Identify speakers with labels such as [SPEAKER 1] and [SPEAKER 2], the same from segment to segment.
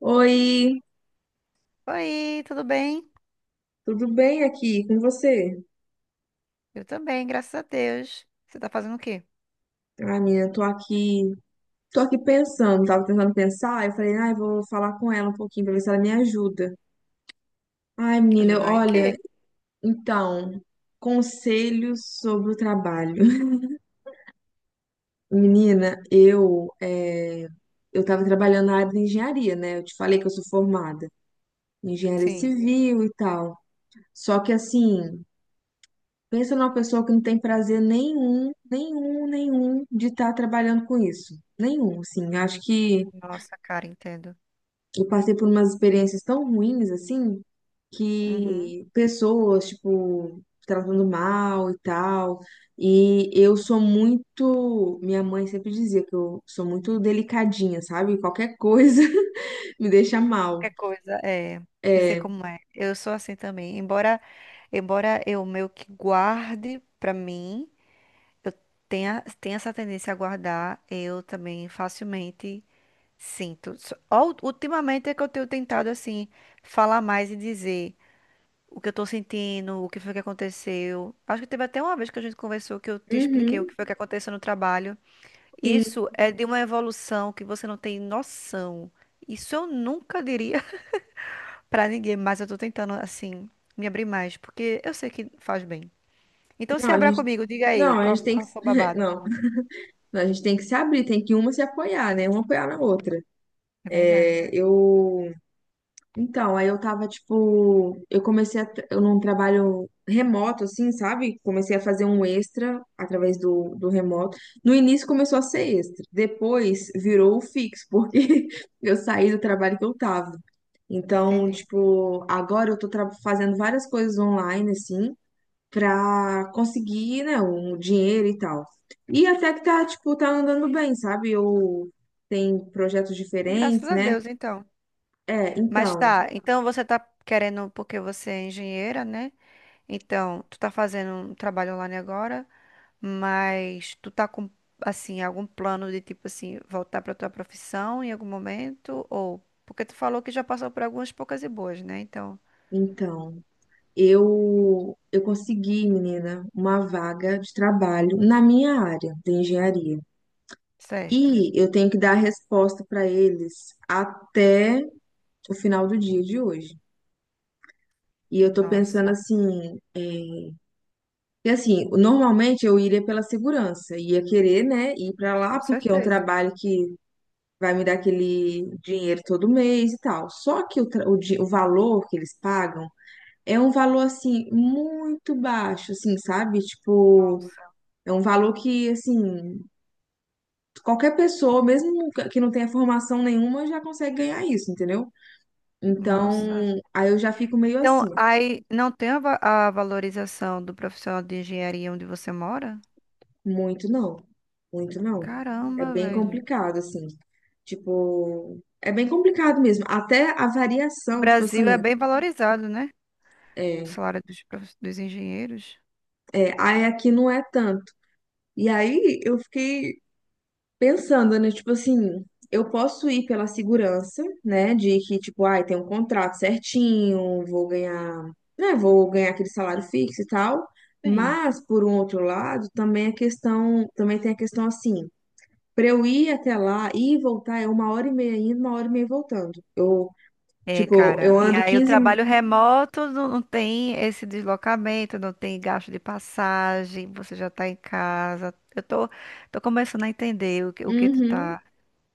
[SPEAKER 1] Oi,
[SPEAKER 2] Oi, tudo bem?
[SPEAKER 1] tudo bem aqui com você?
[SPEAKER 2] Eu também, graças a Deus. Você tá fazendo o quê?
[SPEAKER 1] Ai, menina, tô aqui pensando, tava tentando pensar, eu falei, ai, vou falar com ela um pouquinho pra ver se ela me ajuda. Ai, menina,
[SPEAKER 2] Ajudar em
[SPEAKER 1] olha,
[SPEAKER 2] quê?
[SPEAKER 1] então, conselhos sobre o trabalho. Menina, eu tava trabalhando na área de engenharia, né? Eu te falei que eu sou formada em engenharia
[SPEAKER 2] Sim.
[SPEAKER 1] civil e tal. Só que assim, pensa numa pessoa que não tem prazer nenhum, nenhum, nenhum de estar trabalhando com isso. Nenhum, assim. Acho que
[SPEAKER 2] Nossa, cara, entendo.
[SPEAKER 1] eu passei por umas experiências tão ruins, assim,
[SPEAKER 2] Uhum.
[SPEAKER 1] que pessoas, tipo, tratando mal e tal. E eu sou muito. Minha mãe sempre dizia que eu sou muito delicadinha, sabe? Qualquer coisa me deixa
[SPEAKER 2] Qualquer
[SPEAKER 1] mal.
[SPEAKER 2] coisa, é. Eu sei
[SPEAKER 1] É.
[SPEAKER 2] como é. Eu sou assim também. Embora eu meio que guarde pra mim, eu tenha essa tendência a guardar, eu também facilmente sinto. Ó, ultimamente é que eu tenho tentado, assim, falar mais e dizer o que eu tô sentindo, o que foi que aconteceu. Acho que teve até uma vez que a gente conversou que eu te expliquei o que
[SPEAKER 1] Uhum,
[SPEAKER 2] foi que aconteceu no trabalho.
[SPEAKER 1] sim.
[SPEAKER 2] Isso é de uma evolução que você não tem noção. Isso eu nunca diria pra ninguém, mas eu tô tentando, assim, me abrir mais, porque eu sei que faz bem. Então
[SPEAKER 1] Não,
[SPEAKER 2] se
[SPEAKER 1] a
[SPEAKER 2] abra
[SPEAKER 1] gente.
[SPEAKER 2] comigo, diga aí,
[SPEAKER 1] Não, a
[SPEAKER 2] qual,
[SPEAKER 1] gente tem que.
[SPEAKER 2] qual foi o babado?
[SPEAKER 1] Não. A gente tem que se abrir, tem que uma se apoiar, né? Uma apoiar na outra.
[SPEAKER 2] É verdade.
[SPEAKER 1] É, eu. Então, aí eu tava, tipo. Eu comecei a. Eu num trabalho remoto, assim, sabe? Comecei a fazer um extra através do remoto. No início começou a ser extra, depois virou o fixo, porque eu saí do trabalho que eu tava. Então,
[SPEAKER 2] Entendi.
[SPEAKER 1] tipo, agora eu tô fazendo várias coisas online, assim para conseguir, né, um dinheiro e tal. E até que tá, tipo, tá andando bem, sabe? Eu tem projetos diferentes,
[SPEAKER 2] Graças a
[SPEAKER 1] né?
[SPEAKER 2] Deus, então.
[SPEAKER 1] É,
[SPEAKER 2] Mas tá, então você tá querendo, porque você é engenheira, né? Então, tu tá fazendo um trabalho online agora? Mas tu tá com, assim, algum plano de, tipo assim, voltar pra tua profissão em algum momento? Ou... porque tu falou que já passou por algumas poucas e boas, né? Então,
[SPEAKER 1] então, eu consegui, menina, uma vaga de trabalho na minha área de engenharia.
[SPEAKER 2] certo.
[SPEAKER 1] E eu tenho que dar a resposta para eles até o final do dia de hoje. E eu tô pensando
[SPEAKER 2] Nossa,
[SPEAKER 1] assim. E assim, normalmente eu iria pela segurança, ia querer, né, ir pra lá
[SPEAKER 2] com
[SPEAKER 1] porque é um
[SPEAKER 2] certeza.
[SPEAKER 1] trabalho que vai me dar aquele dinheiro todo mês e tal. Só que o, tra- o, di- o valor que eles pagam é um valor assim muito baixo, assim, sabe? Tipo,
[SPEAKER 2] Nossa,
[SPEAKER 1] é um valor que assim, qualquer pessoa, mesmo que não tenha formação nenhuma, já consegue ganhar isso, entendeu?
[SPEAKER 2] nossa.
[SPEAKER 1] Então, aí eu já fico meio
[SPEAKER 2] Então,
[SPEAKER 1] assim.
[SPEAKER 2] aí não tem a, a valorização do profissional de engenharia onde você mora?
[SPEAKER 1] Muito não, muito não. É
[SPEAKER 2] Caramba,
[SPEAKER 1] bem
[SPEAKER 2] velho.
[SPEAKER 1] complicado, assim. Tipo, é bem complicado mesmo. Até a
[SPEAKER 2] No
[SPEAKER 1] variação, tipo assim,
[SPEAKER 2] Brasil é bem valorizado, né? O
[SPEAKER 1] é,
[SPEAKER 2] salário dos, dos engenheiros.
[SPEAKER 1] aí aqui não é tanto. E aí eu fiquei pensando, né? Tipo assim, eu posso ir pela segurança, né? De que, tipo, ai, tem um contrato certinho, vou ganhar, né? Vou ganhar aquele salário fixo e tal.
[SPEAKER 2] Sim.
[SPEAKER 1] Mas, por um outro lado, também a questão, também tem a questão assim. Pra eu ir até lá ir e voltar é uma hora e meia indo, uma hora e meia voltando. Eu,
[SPEAKER 2] É,
[SPEAKER 1] tipo,
[SPEAKER 2] cara.
[SPEAKER 1] eu
[SPEAKER 2] E
[SPEAKER 1] ando
[SPEAKER 2] aí o
[SPEAKER 1] 15 minutos.
[SPEAKER 2] trabalho remoto não tem esse deslocamento, não tem gasto de passagem, você já tá em casa. Tô começando a entender o que tu
[SPEAKER 1] Uhum.
[SPEAKER 2] tá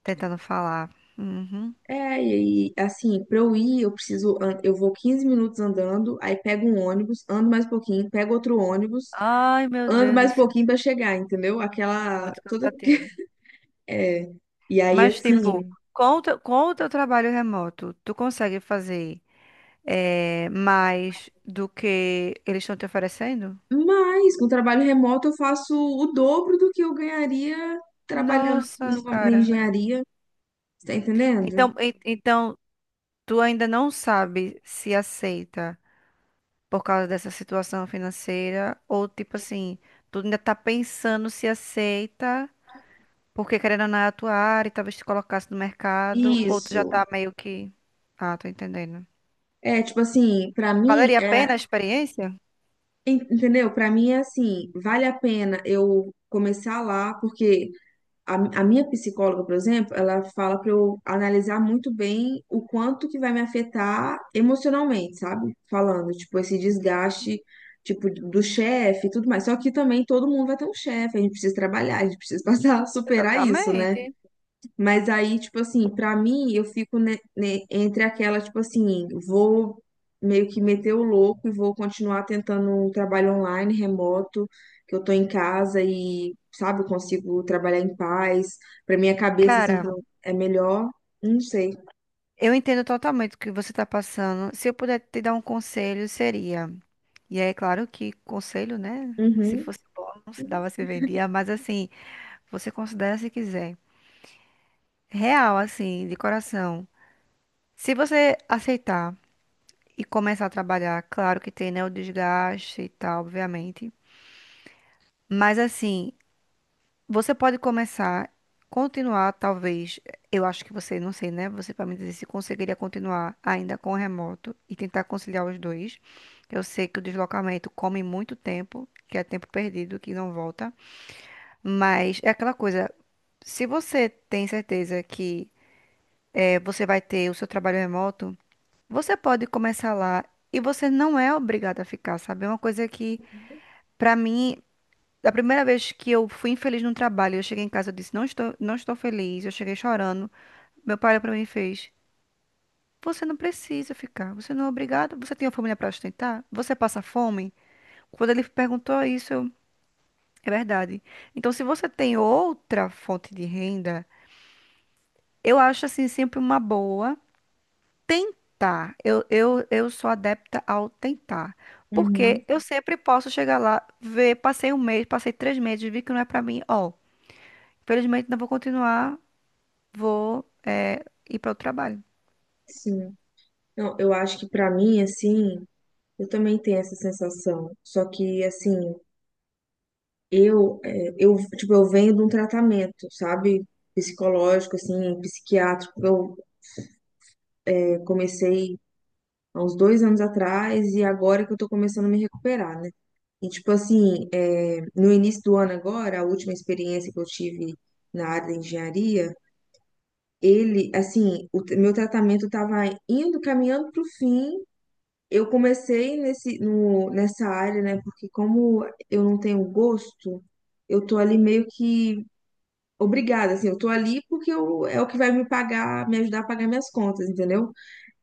[SPEAKER 2] tentando falar. Uhum.
[SPEAKER 1] É, e assim, pra eu ir, eu preciso. Eu vou 15 minutos andando, aí pego um ônibus, ando mais um pouquinho, pego outro ônibus,
[SPEAKER 2] Ai, meu
[SPEAKER 1] ando
[SPEAKER 2] Deus do
[SPEAKER 1] mais um
[SPEAKER 2] céu,
[SPEAKER 1] pouquinho pra chegar, entendeu? Aquela.
[SPEAKER 2] muito
[SPEAKER 1] Toda.
[SPEAKER 2] cansativo.
[SPEAKER 1] É. E aí,
[SPEAKER 2] Mas, tipo,
[SPEAKER 1] assim.
[SPEAKER 2] com o teu trabalho remoto, tu consegue fazer mais do que eles estão te oferecendo?
[SPEAKER 1] Mas com trabalho remoto eu faço o dobro do que eu ganharia trabalhando
[SPEAKER 2] Nossa,
[SPEAKER 1] na
[SPEAKER 2] cara.
[SPEAKER 1] engenharia, tá entendendo?
[SPEAKER 2] Então, então, tu ainda não sabe se aceita, por causa dessa situação financeira? Ou tipo assim, tu ainda tá pensando se aceita, porque querendo ou não é a tua área e talvez te colocasse no mercado, ou tu já
[SPEAKER 1] Isso.
[SPEAKER 2] tá meio que. Ah, tô entendendo.
[SPEAKER 1] É, tipo assim, pra mim,
[SPEAKER 2] Valeria a pena a experiência?
[SPEAKER 1] entendeu? Pra mim é assim, vale a pena eu começar lá, porque a, a minha psicóloga, por exemplo, ela fala pra eu analisar muito bem o quanto que vai me afetar emocionalmente, sabe? Falando, tipo, esse desgaste, tipo, do chefe e tudo mais. Só que também todo mundo vai ter um chefe, a gente precisa trabalhar, a gente precisa passar, superar isso, né?
[SPEAKER 2] Totalmente.
[SPEAKER 1] Mas aí, tipo assim, pra mim, eu fico entre aquela, tipo assim, vou meio que meter o louco e vou continuar tentando um trabalho online, remoto, que eu tô em casa e, sabe, eu consigo trabalhar em paz. Pra minha cabeça, assim,
[SPEAKER 2] Cara,
[SPEAKER 1] tá- é melhor. Não sei.
[SPEAKER 2] eu entendo totalmente o que você tá passando. Se eu puder te dar um conselho, seria. E aí, claro que conselho, né? Se
[SPEAKER 1] Uhum,
[SPEAKER 2] fosse bom, não se dava, se vendia. Mas assim, você considera se quiser. Real, assim, de coração. Se você aceitar e começar a trabalhar, claro que tem, né, o desgaste e tal, obviamente. Mas assim, você pode começar, continuar, talvez. Eu acho que você, não sei, né? Você para me dizer se conseguiria continuar ainda com o remoto e tentar conciliar os dois. Eu sei que o deslocamento come muito tempo, que é tempo perdido, que não volta. Mas é aquela coisa. Se você tem certeza que você vai ter o seu trabalho remoto, você pode começar lá e você não é obrigado a ficar, sabe? É uma coisa que, pra mim, da primeira vez que eu fui infeliz no trabalho, eu cheguei em casa, e disse, não estou feliz, eu cheguei chorando. Meu pai olhou pra mim e fez, você não precisa ficar, você não é obrigado, você tem uma família pra sustentar, você passa fome. Quando ele perguntou isso, eu, é verdade. Então, se você tem outra fonte de renda, eu acho assim sempre uma boa. Tentar. Eu sou adepta ao tentar.
[SPEAKER 1] uhum,
[SPEAKER 2] Porque eu sempre posso chegar lá, ver, passei um mês, passei três meses, vi que não é pra mim. Ó, infelizmente não vou continuar, vou ir para o trabalho.
[SPEAKER 1] sim. Não, eu acho que pra mim, assim, eu também tenho essa sensação. Só que, assim. Eu, tipo, eu venho de um tratamento, sabe? Psicológico, assim, psiquiátrico. Comecei há uns 2 anos atrás e agora que eu tô começando a me recuperar, né? E, tipo, assim, é, no início do ano agora, a última experiência que eu tive na área da engenharia, ele, assim, meu tratamento tava indo, caminhando pro fim. Eu comecei nesse, no, nessa área, né? Porque como eu não tenho gosto, eu tô ali meio que obrigada, assim, eu tô ali porque eu, é o que vai me pagar, me ajudar a pagar minhas contas, entendeu?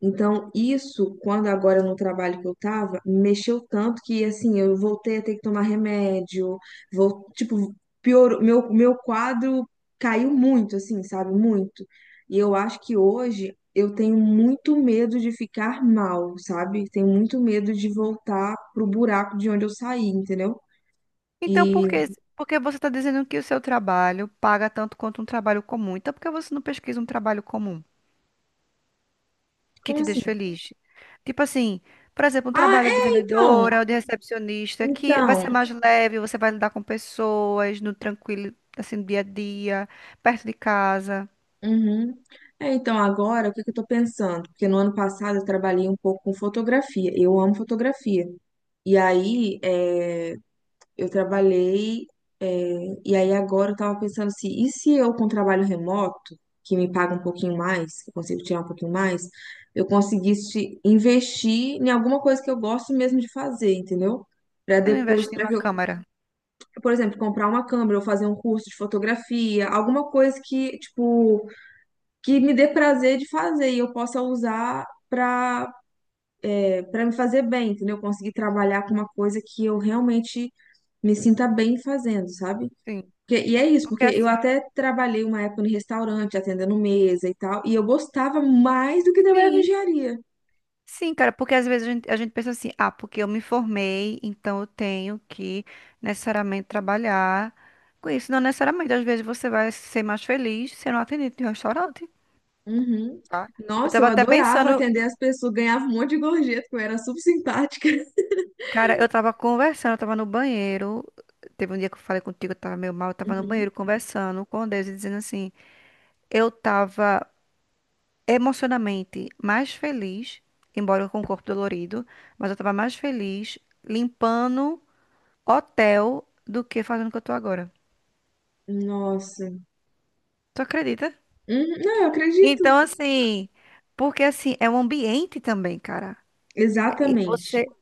[SPEAKER 1] Então, isso, quando agora no trabalho que eu tava, mexeu tanto que, assim, eu voltei a ter que tomar remédio, vou, tipo, piorou, meu quadro caiu muito, assim, sabe? Muito. E eu acho que hoje eu tenho muito medo de ficar mal, sabe? Tenho muito medo de voltar pro buraco de onde eu saí, entendeu?
[SPEAKER 2] Então,
[SPEAKER 1] E,
[SPEAKER 2] por que você está dizendo que o seu trabalho paga tanto quanto um trabalho comum? Então, por que você não pesquisa um trabalho comum que
[SPEAKER 1] como
[SPEAKER 2] te
[SPEAKER 1] assim?
[SPEAKER 2] deixa feliz? Tipo assim, por exemplo, um
[SPEAKER 1] Ah,
[SPEAKER 2] trabalho de
[SPEAKER 1] é, então,
[SPEAKER 2] vendedora ou de recepcionista que vai
[SPEAKER 1] então.
[SPEAKER 2] ser mais leve, você vai lidar com pessoas no tranquilo, assim, no dia a dia, perto de casa.
[SPEAKER 1] Uhum. É, então, agora, o que que eu tô pensando? Porque no ano passado eu trabalhei um pouco com fotografia. Eu amo fotografia. E aí, é, eu trabalhei, é, e aí agora eu tava pensando assim, e se eu com trabalho remoto, que me paga um pouquinho mais, que eu consigo tirar um pouquinho mais, eu conseguisse investir em alguma coisa que eu gosto mesmo de fazer, entendeu? Pra
[SPEAKER 2] Eu não
[SPEAKER 1] depois,
[SPEAKER 2] investi
[SPEAKER 1] para
[SPEAKER 2] numa
[SPEAKER 1] que eu,
[SPEAKER 2] câmera.
[SPEAKER 1] por exemplo, comprar uma câmera ou fazer um curso de fotografia, alguma coisa que, tipo, que me dê prazer de fazer e eu possa usar para me fazer bem, entendeu? Eu conseguir trabalhar com uma coisa que eu realmente me sinta bem fazendo, sabe?
[SPEAKER 2] Sim.
[SPEAKER 1] Porque- e é isso,
[SPEAKER 2] Porque
[SPEAKER 1] porque eu
[SPEAKER 2] assim.
[SPEAKER 1] até trabalhei uma época no restaurante, atendendo mesa e tal, e eu gostava mais do que trabalhar com
[SPEAKER 2] Sim.
[SPEAKER 1] engenharia.
[SPEAKER 2] Sim, cara, porque às vezes a gente pensa assim, ah, porque eu me formei, então eu tenho que necessariamente trabalhar com isso. Não necessariamente, às vezes você vai ser mais feliz sendo atendente de um restaurante,
[SPEAKER 1] Uhum.
[SPEAKER 2] tá? Eu
[SPEAKER 1] Nossa,
[SPEAKER 2] tava
[SPEAKER 1] eu
[SPEAKER 2] até
[SPEAKER 1] adorava
[SPEAKER 2] pensando.
[SPEAKER 1] atender as pessoas, ganhava um monte de gorjeta, porque eu era super simpática.
[SPEAKER 2] Cara, eu tava conversando, eu tava no banheiro. Teve um dia que eu falei contigo, eu tava meio mal, eu tava no
[SPEAKER 1] Uhum.
[SPEAKER 2] banheiro conversando com Deus e dizendo assim: eu tava emocionalmente mais feliz, embora com o corpo dolorido, mas eu tava mais feliz limpando hotel do que fazendo o que eu tô agora.
[SPEAKER 1] Nossa.
[SPEAKER 2] Tu acredita?
[SPEAKER 1] Uhum, não, eu acredito.
[SPEAKER 2] Então, assim, porque assim, é um ambiente também, cara. E
[SPEAKER 1] Exatamente.
[SPEAKER 2] você.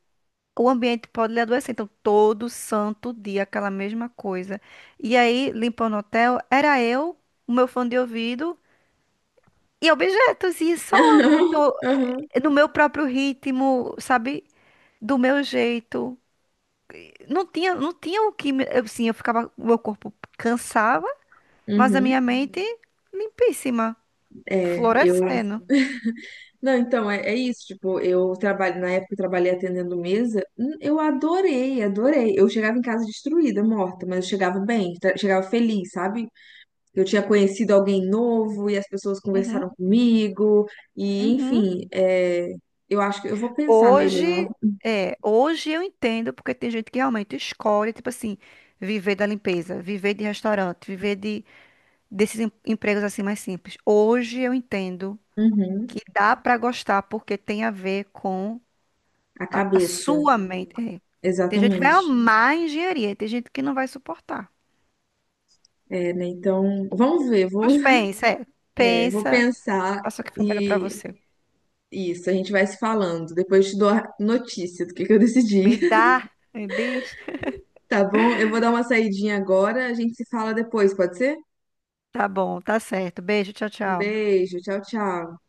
[SPEAKER 2] O ambiente pode lhe adoecer. Então, todo santo dia, aquela mesma coisa. E aí, limpando o hotel, era eu, o meu fone de ouvido e objetos, e só no,
[SPEAKER 1] Uhum.
[SPEAKER 2] no meu próprio ritmo, sabe? Do meu jeito. Não tinha o que eu, sim, eu ficava. O meu corpo cansava, mas a
[SPEAKER 1] Uhum.
[SPEAKER 2] minha mente limpíssima,
[SPEAKER 1] É, eu.
[SPEAKER 2] florescendo.
[SPEAKER 1] Não, então, é, é isso. Tipo, eu trabalho, na época eu trabalhei atendendo mesa, eu adorei, adorei. Eu chegava em casa destruída, morta, mas eu chegava bem, chegava feliz, sabe? Eu tinha conhecido alguém novo e as pessoas
[SPEAKER 2] Uhum,
[SPEAKER 1] conversaram comigo, e
[SPEAKER 2] uhum.
[SPEAKER 1] enfim, eu acho que eu vou pensar melhor.
[SPEAKER 2] Hoje, é, hoje eu entendo porque tem gente que realmente escolhe, tipo assim, viver da limpeza, viver de restaurante, viver de desses empregos assim mais simples. Hoje eu entendo
[SPEAKER 1] Uhum,
[SPEAKER 2] que dá pra gostar porque tem a ver com
[SPEAKER 1] a
[SPEAKER 2] a
[SPEAKER 1] cabeça,
[SPEAKER 2] sua mente. É. Tem gente que vai
[SPEAKER 1] exatamente.
[SPEAKER 2] amar a engenharia, e tem gente que não vai suportar.
[SPEAKER 1] É, né? Então, vamos ver, vou,
[SPEAKER 2] Mas pensa, é,
[SPEAKER 1] vou
[SPEAKER 2] pensa,
[SPEAKER 1] pensar
[SPEAKER 2] faça o que for melhor pra
[SPEAKER 1] e.
[SPEAKER 2] você.
[SPEAKER 1] Isso, a gente vai se falando. Depois eu te dou a notícia do que eu
[SPEAKER 2] Me
[SPEAKER 1] decidi.
[SPEAKER 2] dá, me diz.
[SPEAKER 1] Tá bom? Eu vou dar uma saidinha agora, a gente se fala depois, pode ser?
[SPEAKER 2] Tá bom, tá certo. Beijo, tchau,
[SPEAKER 1] Um
[SPEAKER 2] tchau.
[SPEAKER 1] beijo, tchau, tchau.